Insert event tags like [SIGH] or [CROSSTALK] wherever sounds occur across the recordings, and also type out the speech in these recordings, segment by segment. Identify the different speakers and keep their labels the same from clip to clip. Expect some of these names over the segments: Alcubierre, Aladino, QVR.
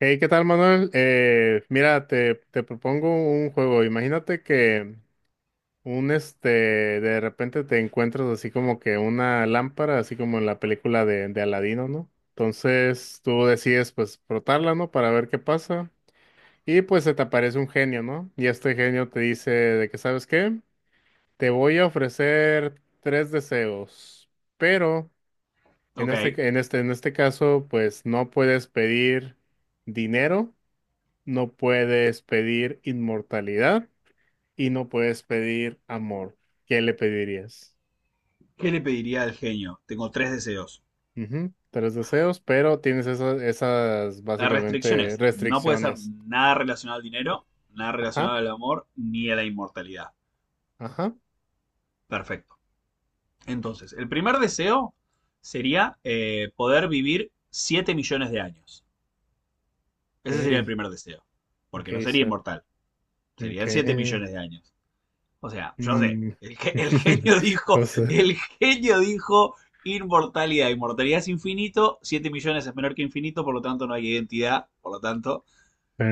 Speaker 1: Hey, ¿qué tal, Manuel? Mira, te propongo un juego. Imagínate que un este de repente te encuentras así como que una lámpara, así como en la película de Aladino, ¿no? Entonces tú decides pues frotarla, ¿no? Para ver qué pasa. Y pues se te aparece un genio, ¿no? Y este genio te dice de que, ¿sabes qué? Te voy a ofrecer tres deseos, pero
Speaker 2: Ok,
Speaker 1: en este caso, pues no puedes pedir dinero, no puedes pedir inmortalidad y no puedes pedir amor. ¿Qué le pedirías?
Speaker 2: ¿qué le pediría al genio? Tengo tres deseos.
Speaker 1: Ujú. Tres deseos, pero tienes esas
Speaker 2: Las
Speaker 1: básicamente
Speaker 2: restricciones. No puede ser
Speaker 1: restricciones.
Speaker 2: nada relacionado al dinero, nada
Speaker 1: Ajá,
Speaker 2: relacionado al amor, ni a la inmortalidad.
Speaker 1: ajá.
Speaker 2: Perfecto. Entonces, el primer deseo sería poder vivir 7 millones de años. Ese sería el
Speaker 1: Okay,
Speaker 2: primer deseo. Porque no
Speaker 1: okay,
Speaker 2: sería
Speaker 1: so,
Speaker 2: inmortal. Serían 7
Speaker 1: okay.
Speaker 2: millones de años. O sea, yo sé,
Speaker 1: Mm.
Speaker 2: el
Speaker 1: [LAUGHS]
Speaker 2: genio dijo,
Speaker 1: O sea,
Speaker 2: el genio dijo inmortalidad. Inmortalidad es infinito, 7 millones es menor que infinito, por lo tanto no hay identidad, por lo tanto,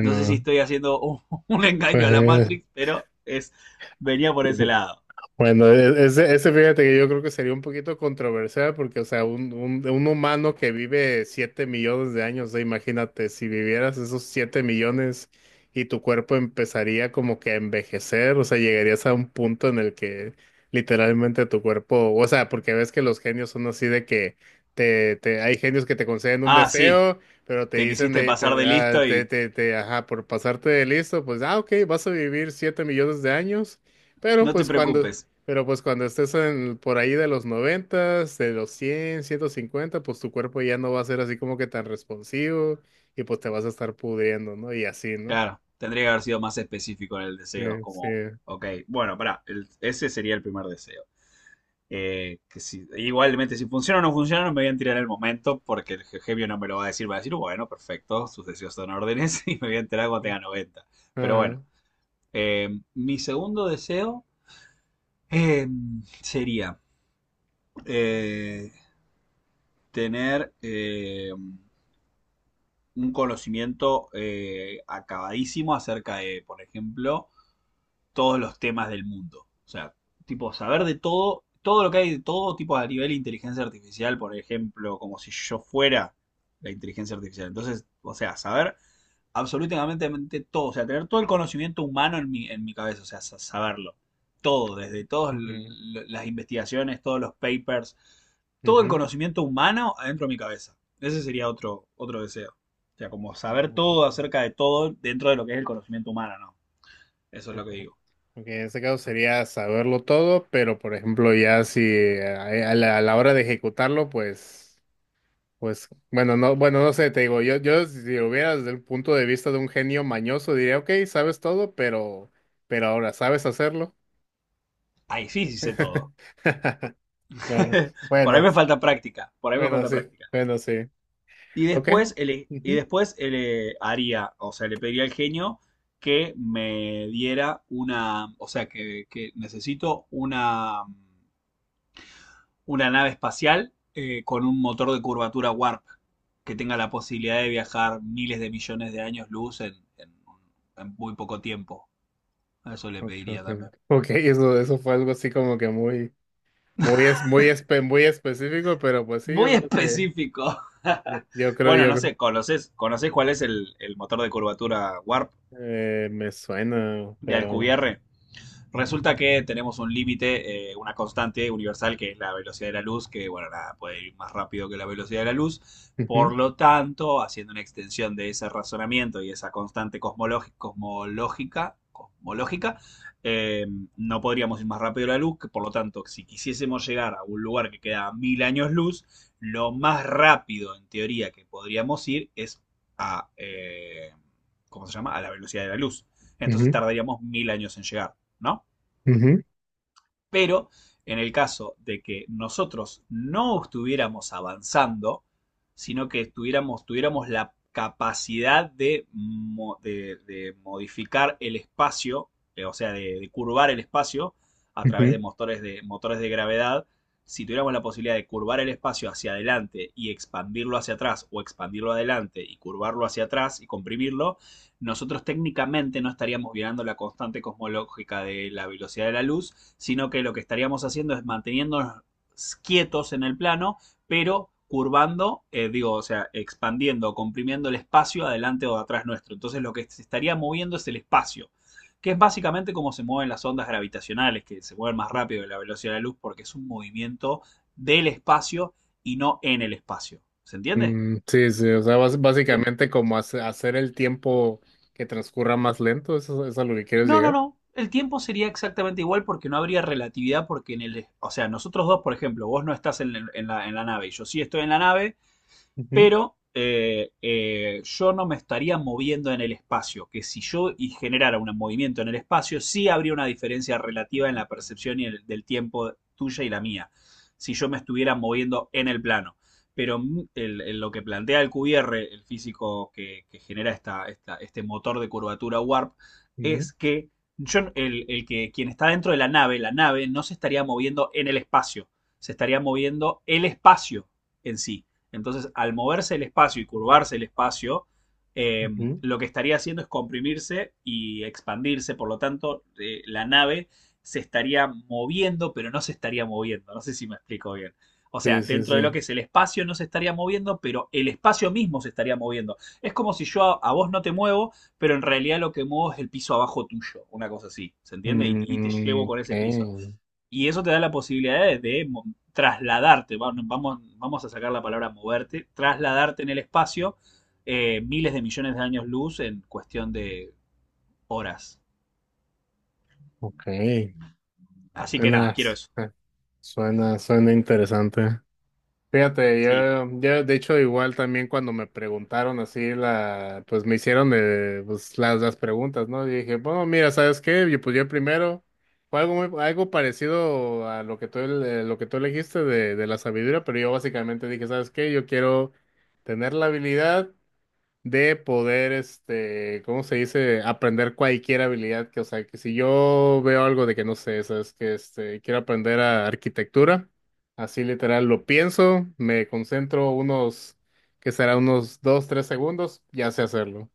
Speaker 2: no sé si estoy haciendo un, [LAUGHS] un engaño a la
Speaker 1: pues.
Speaker 2: Matrix, pero es, venía por ese
Speaker 1: [LAUGHS]
Speaker 2: lado.
Speaker 1: Bueno, ese, ese fíjate que yo creo que sería un poquito controversial porque, o sea, un humano que vive 7 millones de años, o sea, imagínate, si vivieras esos 7 millones y tu cuerpo empezaría como que a envejecer, o sea, llegarías a un punto en el que literalmente tu cuerpo, o sea, porque ves que los genios son así de que te, hay genios que te conceden un
Speaker 2: Ah, sí,
Speaker 1: deseo, pero te
Speaker 2: te
Speaker 1: dicen
Speaker 2: quisiste
Speaker 1: de,
Speaker 2: pasar
Speaker 1: te,
Speaker 2: de
Speaker 1: ah,
Speaker 2: listo
Speaker 1: te,
Speaker 2: y
Speaker 1: te, te, ajá, por pasarte de listo, pues, ah, ok, vas a vivir 7 millones de años. Pero
Speaker 2: no te
Speaker 1: pues cuando,
Speaker 2: preocupes.
Speaker 1: pero pues cuando estés en, por ahí de los noventas, de los 100, 150, pues tu cuerpo ya no va a ser así como que tan responsivo y pues te vas a estar pudriendo, ¿no? Y así, ¿no?
Speaker 2: Claro, tendría que haber sido más específico en el
Speaker 1: Sí,
Speaker 2: deseo,
Speaker 1: sí.
Speaker 2: como, ok, bueno, pará, ese sería el primer deseo. Que si, igualmente, si funciona o no funciona, no me voy a enterar en el momento porque el Jevio no me lo va a decir. Va a decir, bueno, perfecto, sus deseos son órdenes [LAUGHS] y me voy a enterar cuando
Speaker 1: eh,
Speaker 2: tenga 90. Pero bueno,
Speaker 1: Ajá.
Speaker 2: eh, mi segundo deseo eh, sería eh, tener un conocimiento acabadísimo acerca de, por ejemplo, todos los temas del mundo. O sea, tipo, saber de todo, todo lo que hay de todo, tipo a nivel de inteligencia artificial, por ejemplo, como si yo fuera la inteligencia artificial. Entonces, o sea, saber absolutamente todo, o sea, tener todo el conocimiento humano en mi cabeza, o sea, saberlo. Todo, desde todas
Speaker 1: Ujú,
Speaker 2: las investigaciones, todos los papers, todo el
Speaker 1: ujú.
Speaker 2: conocimiento humano adentro de mi cabeza. Ese sería otro, otro deseo. O sea, como saber
Speaker 1: Ujú.
Speaker 2: todo acerca de todo dentro de lo que es el conocimiento humano, ¿no? Eso es lo que digo.
Speaker 1: Ok, en este caso sería saberlo todo, pero por ejemplo ya si a la hora de ejecutarlo, pues, bueno, no, bueno, no sé, te digo, yo si lo hubiera desde el punto de vista de un genio mañoso, diría, ok, sabes todo, pero, ahora, ¿sabes hacerlo?
Speaker 2: Ahí sí, sí sé todo.
Speaker 1: [LAUGHS] Bueno,
Speaker 2: [LAUGHS] Por ahí
Speaker 1: bueno,
Speaker 2: me falta práctica, por ahí me
Speaker 1: bueno,
Speaker 2: falta
Speaker 1: sí,
Speaker 2: práctica.
Speaker 1: bueno, sí.
Speaker 2: Y
Speaker 1: Ok.
Speaker 2: después,
Speaker 1: Ujú.
Speaker 2: haría, o sea, le pediría al genio que me diera una, o sea, que necesito una nave espacial con un motor de curvatura warp, que tenga la posibilidad de viajar miles de millones de años luz en en muy poco tiempo. Eso le
Speaker 1: Ok,
Speaker 2: pediría
Speaker 1: ok,
Speaker 2: también.
Speaker 1: ok, eso fue algo así como que muy específico, pero pues sí, yo
Speaker 2: Muy
Speaker 1: creo que,
Speaker 2: específico. [LAUGHS] Bueno,
Speaker 1: yo
Speaker 2: no
Speaker 1: creo,
Speaker 2: sé, ¿conocés cuál es el motor de curvatura Warp
Speaker 1: me suena,
Speaker 2: de
Speaker 1: pero.
Speaker 2: Alcubierre? Resulta que tenemos un límite, una constante universal que es la velocidad de la luz, que bueno, nada, puede ir más rápido que la velocidad de la luz. Por
Speaker 1: Ujú,
Speaker 2: lo tanto, haciendo una extensión de ese razonamiento y esa constante cosmológica, eh, no podríamos ir más rápido que la luz, que por lo tanto, si quisiésemos llegar a un lugar que queda a 1.000 años luz, lo más rápido en teoría que podríamos ir es a, ¿cómo se llama? A la velocidad de la luz. Entonces
Speaker 1: ujú,
Speaker 2: tardaríamos 1.000 años en llegar. ¿No?
Speaker 1: ujú,
Speaker 2: Pero en el caso de que nosotros no estuviéramos avanzando, sino que estuviéramos, tuviéramos la capacidad de, de modificar el espacio, o sea, de curvar el espacio a través
Speaker 1: ujú.
Speaker 2: de motores, de motores de gravedad, si tuviéramos la posibilidad de curvar el espacio hacia adelante y expandirlo hacia atrás, o expandirlo adelante y curvarlo hacia atrás y comprimirlo, nosotros técnicamente no estaríamos violando la constante cosmológica de la velocidad de la luz, sino que lo que estaríamos haciendo es manteniéndonos quietos en el plano, pero curvando, digo, o sea, expandiendo, comprimiendo el espacio adelante o atrás nuestro. Entonces lo que se estaría moviendo es el espacio, que es básicamente como se mueven las ondas gravitacionales, que se mueven más rápido que la velocidad de la luz, porque es un movimiento del espacio y no en el espacio. ¿Se entiende?
Speaker 1: Mm, sí, sí, o sea, básicamente como hacer el tiempo que transcurra más lento, eso es a lo que quieres
Speaker 2: No, no,
Speaker 1: llegar.
Speaker 2: no. El tiempo sería exactamente igual porque no habría relatividad porque en el... O sea, nosotros dos, por ejemplo, vos no estás en, en la nave y yo sí estoy en la nave,
Speaker 1: Ujú,
Speaker 2: pero yo no me estaría moviendo en el espacio, que si yo generara un movimiento en el espacio, sí habría una diferencia relativa en la percepción y del tiempo tuya y la mía, si yo me estuviera moviendo en el plano. Pero lo que plantea el QVR, el físico que genera esta, este motor de curvatura warp, es que yo, el que quien está dentro de la nave no se estaría moviendo en el espacio, se estaría moviendo el espacio en sí. Entonces, al moverse el espacio y curvarse el espacio, eh,
Speaker 1: ujú, ujú.
Speaker 2: lo que estaría haciendo es comprimirse y expandirse. Por lo tanto, la nave se estaría moviendo, pero no se estaría moviendo. No sé si me explico bien. O sea,
Speaker 1: Sí, sí,
Speaker 2: dentro
Speaker 1: sí.
Speaker 2: de lo que es el espacio no se estaría moviendo, pero el espacio mismo se estaría moviendo. Es como si yo a vos no te muevo, pero en realidad lo que muevo es el piso abajo tuyo, una cosa así, ¿se entiende? Y te
Speaker 1: Mm,
Speaker 2: llevo con
Speaker 1: ok,
Speaker 2: ese piso. Y eso te da la posibilidad de, trasladarte, va- no, vamos, vamos a sacar la palabra moverte, trasladarte en el espacio miles de millones de años luz en cuestión de horas.
Speaker 1: ok.
Speaker 2: Así que nada,
Speaker 1: Suena,
Speaker 2: quiero eso.
Speaker 1: suena interesante. Fíjate,
Speaker 2: Sí.
Speaker 1: yo de hecho igual también cuando me preguntaron así la, pues me hicieron de, pues las preguntas, ¿no? Y dije, bueno, mira, ¿sabes qué? Yo, pues yo primero fue algo algo parecido a lo que tú, lo que tú elegiste de la sabiduría, pero yo básicamente dije, ¿sabes qué? Yo quiero tener la habilidad de poder, este, ¿cómo se dice? Aprender cualquier habilidad que, o sea, que si yo veo algo de que no sé, sabes que este, quiero aprender a arquitectura, así literal lo pienso, me concentro unos, que será unos 2, 3 segundos, ya sé hacerlo.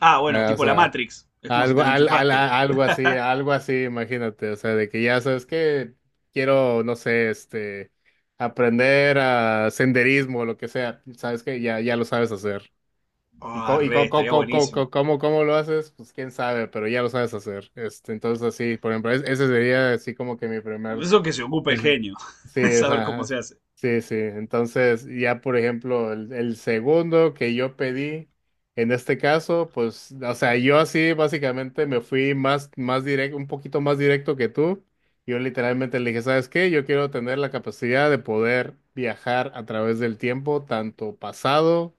Speaker 2: Ah, bueno,
Speaker 1: O
Speaker 2: tipo la
Speaker 1: sea,
Speaker 2: Matrix. Es como si
Speaker 1: algo,
Speaker 2: te lo
Speaker 1: al, al-
Speaker 2: enchufaste.
Speaker 1: a- algo así, imagínate, o sea, de que ya sabes que quiero, no sé, este, aprender a senderismo o lo que sea, sabes que ya lo sabes hacer. Y,
Speaker 2: Ah,
Speaker 1: co- y
Speaker 2: re,
Speaker 1: co- co-
Speaker 2: estaría
Speaker 1: co- co- co-
Speaker 2: buenísimo.
Speaker 1: cómo lo haces, pues quién sabe, pero ya lo sabes hacer. Este, entonces, así, por ejemplo, ese sería así como que mi primer.
Speaker 2: Eso que se ocupe el genio. [LAUGHS]
Speaker 1: Sí,
Speaker 2: Es
Speaker 1: es,
Speaker 2: saber
Speaker 1: ajá,
Speaker 2: cómo se hace.
Speaker 1: sí, sí. Entonces, ya por ejemplo, el segundo que yo pedí, en este caso, pues, o sea, yo así básicamente me fui más directo, un poquito más directo que tú. Yo literalmente le dije, ¿sabes qué? Yo quiero tener la capacidad de poder viajar a través del tiempo, tanto pasado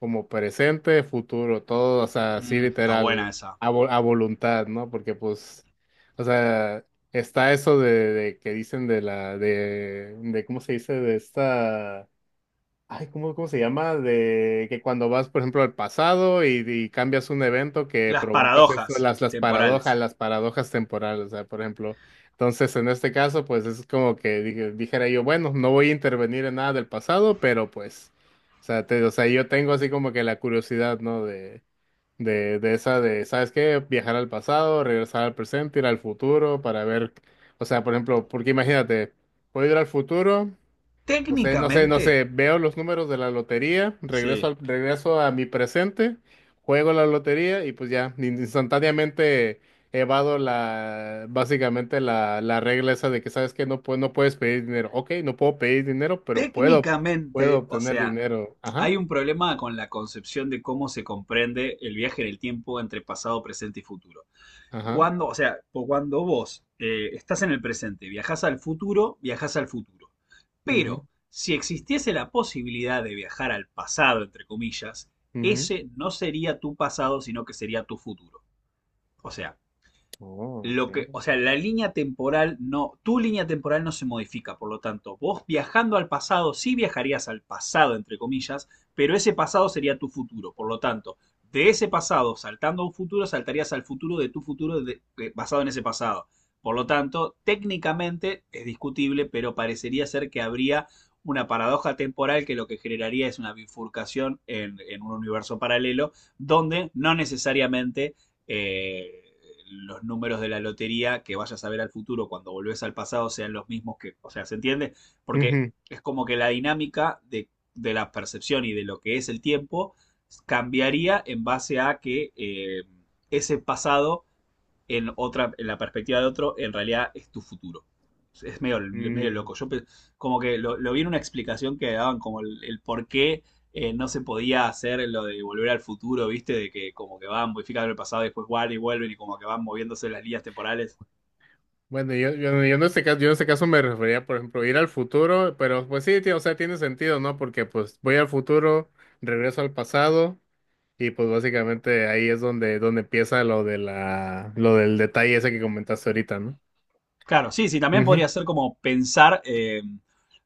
Speaker 1: como presente, futuro, todo, o sea, así
Speaker 2: Mm, está
Speaker 1: literal,
Speaker 2: buena esa.
Speaker 1: a voluntad, ¿no? Porque pues... O sea, está eso de que dicen de la, ¿cómo se dice? De esta, ay, ¿ cómo se llama? De que cuando vas, por ejemplo, al pasado y cambias un evento que
Speaker 2: Las
Speaker 1: provocas esto,
Speaker 2: paradojas temporales.
Speaker 1: las paradojas temporales, o sea, por ejemplo. Entonces, en este caso, pues es como que dijera yo, bueno, no voy a intervenir en nada del pasado, pero pues, o sea, o sea, yo tengo así como que la curiosidad, ¿no? ¿Sabes qué? Viajar al pasado, regresar al presente, ir al futuro para ver, o sea, por ejemplo, porque imagínate, puedo ir al futuro, o sea, no
Speaker 2: Técnicamente,
Speaker 1: sé, veo los números de la lotería,
Speaker 2: sí.
Speaker 1: regreso a mi presente, juego la lotería y pues ya, instantáneamente evado la, básicamente la regla esa de que, ¿sabes qué? No puedes pedir dinero. Ok, no puedo pedir dinero, pero puedo
Speaker 2: Técnicamente, o
Speaker 1: obtener
Speaker 2: sea,
Speaker 1: dinero. Ajá,
Speaker 2: hay un problema con la concepción de cómo se comprende el viaje en el tiempo entre pasado, presente y futuro.
Speaker 1: ajá.
Speaker 2: Cuando, o sea, cuando vos estás en el presente, viajás al futuro, viajás al futuro.
Speaker 1: Mhm.
Speaker 2: Pero si existiese la posibilidad de viajar al pasado, entre comillas,
Speaker 1: Mhm.
Speaker 2: ese no sería tu pasado, sino que sería tu futuro. O sea,
Speaker 1: Oh,
Speaker 2: lo que,
Speaker 1: okay.
Speaker 2: o sea, la línea temporal no, tu línea temporal no se modifica, por lo tanto, vos viajando al pasado, sí viajarías al pasado, entre comillas, pero ese pasado sería tu futuro, por lo tanto, de ese pasado, saltando a un futuro, saltarías al futuro de tu futuro basado en ese pasado. Por lo tanto, técnicamente es discutible, pero parecería ser que habría una paradoja temporal que lo que generaría es una bifurcación en un universo paralelo, donde no necesariamente eh, los números de la lotería que vayas a ver al futuro cuando volvés al pasado sean los mismos que, o sea, ¿se entiende? Porque
Speaker 1: Ujú.
Speaker 2: es como que la dinámica de la percepción y de lo que es el tiempo cambiaría en base a que ese pasado en otra, en la perspectiva de otro, en realidad es tu futuro. Es, medio, medio
Speaker 1: Mm.
Speaker 2: loco. Como que lo vi en una explicación que daban como el por qué no se podía hacer lo de volver al futuro, ¿viste? De que como que van modificando el pasado y después guardan y vuelven y como que van moviéndose las líneas temporales.
Speaker 1: Bueno, yo en este caso me refería, por ejemplo, ir al futuro, pero pues sí, tío, o sea, tiene sentido, ¿no? Porque pues voy al futuro, regreso al pasado y pues básicamente ahí es donde empieza lo de la, lo del detalle ese que comentaste ahorita, ¿no?
Speaker 2: Claro, sí, sí, también
Speaker 1: Ujú,
Speaker 2: podría ser como pensar,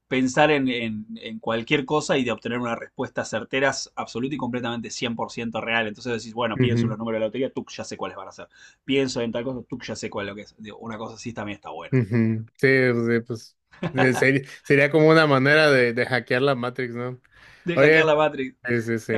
Speaker 2: pensar en, en cualquier cosa y de obtener una respuesta certera, absoluta y completamente 100% real. Entonces decís, bueno, pienso en
Speaker 1: ujú,
Speaker 2: los números de la lotería, tú ya sé cuáles van a ser. Pienso en tal cosa, tú ya sé cuál es lo que es. Digo, una cosa así también está buena.
Speaker 1: ujú. Sí, pues, sería como una manera de hackear la Matrix, ¿no?
Speaker 2: De hackear
Speaker 1: Oye.
Speaker 2: la Matrix.
Speaker 1: Sí, sí, sí.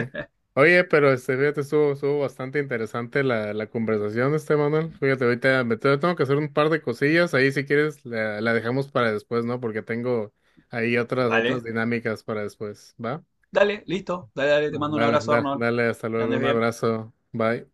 Speaker 1: Oye, pero este, fíjate, estuvo bastante interesante la conversación, este Manuel. Fíjate, ahorita me tengo que hacer un par de cosillas. Ahí, si quieres, la dejamos para después, ¿no? Porque tengo ahí otras
Speaker 2: Dale,
Speaker 1: dinámicas para después, ¿va?
Speaker 2: dale, listo. Dale, dale, te mando un
Speaker 1: Dale,
Speaker 2: abrazo,
Speaker 1: dale,
Speaker 2: Arnold.
Speaker 1: dale, hasta
Speaker 2: Que
Speaker 1: luego.
Speaker 2: andes
Speaker 1: Un
Speaker 2: bien.
Speaker 1: abrazo. Bye.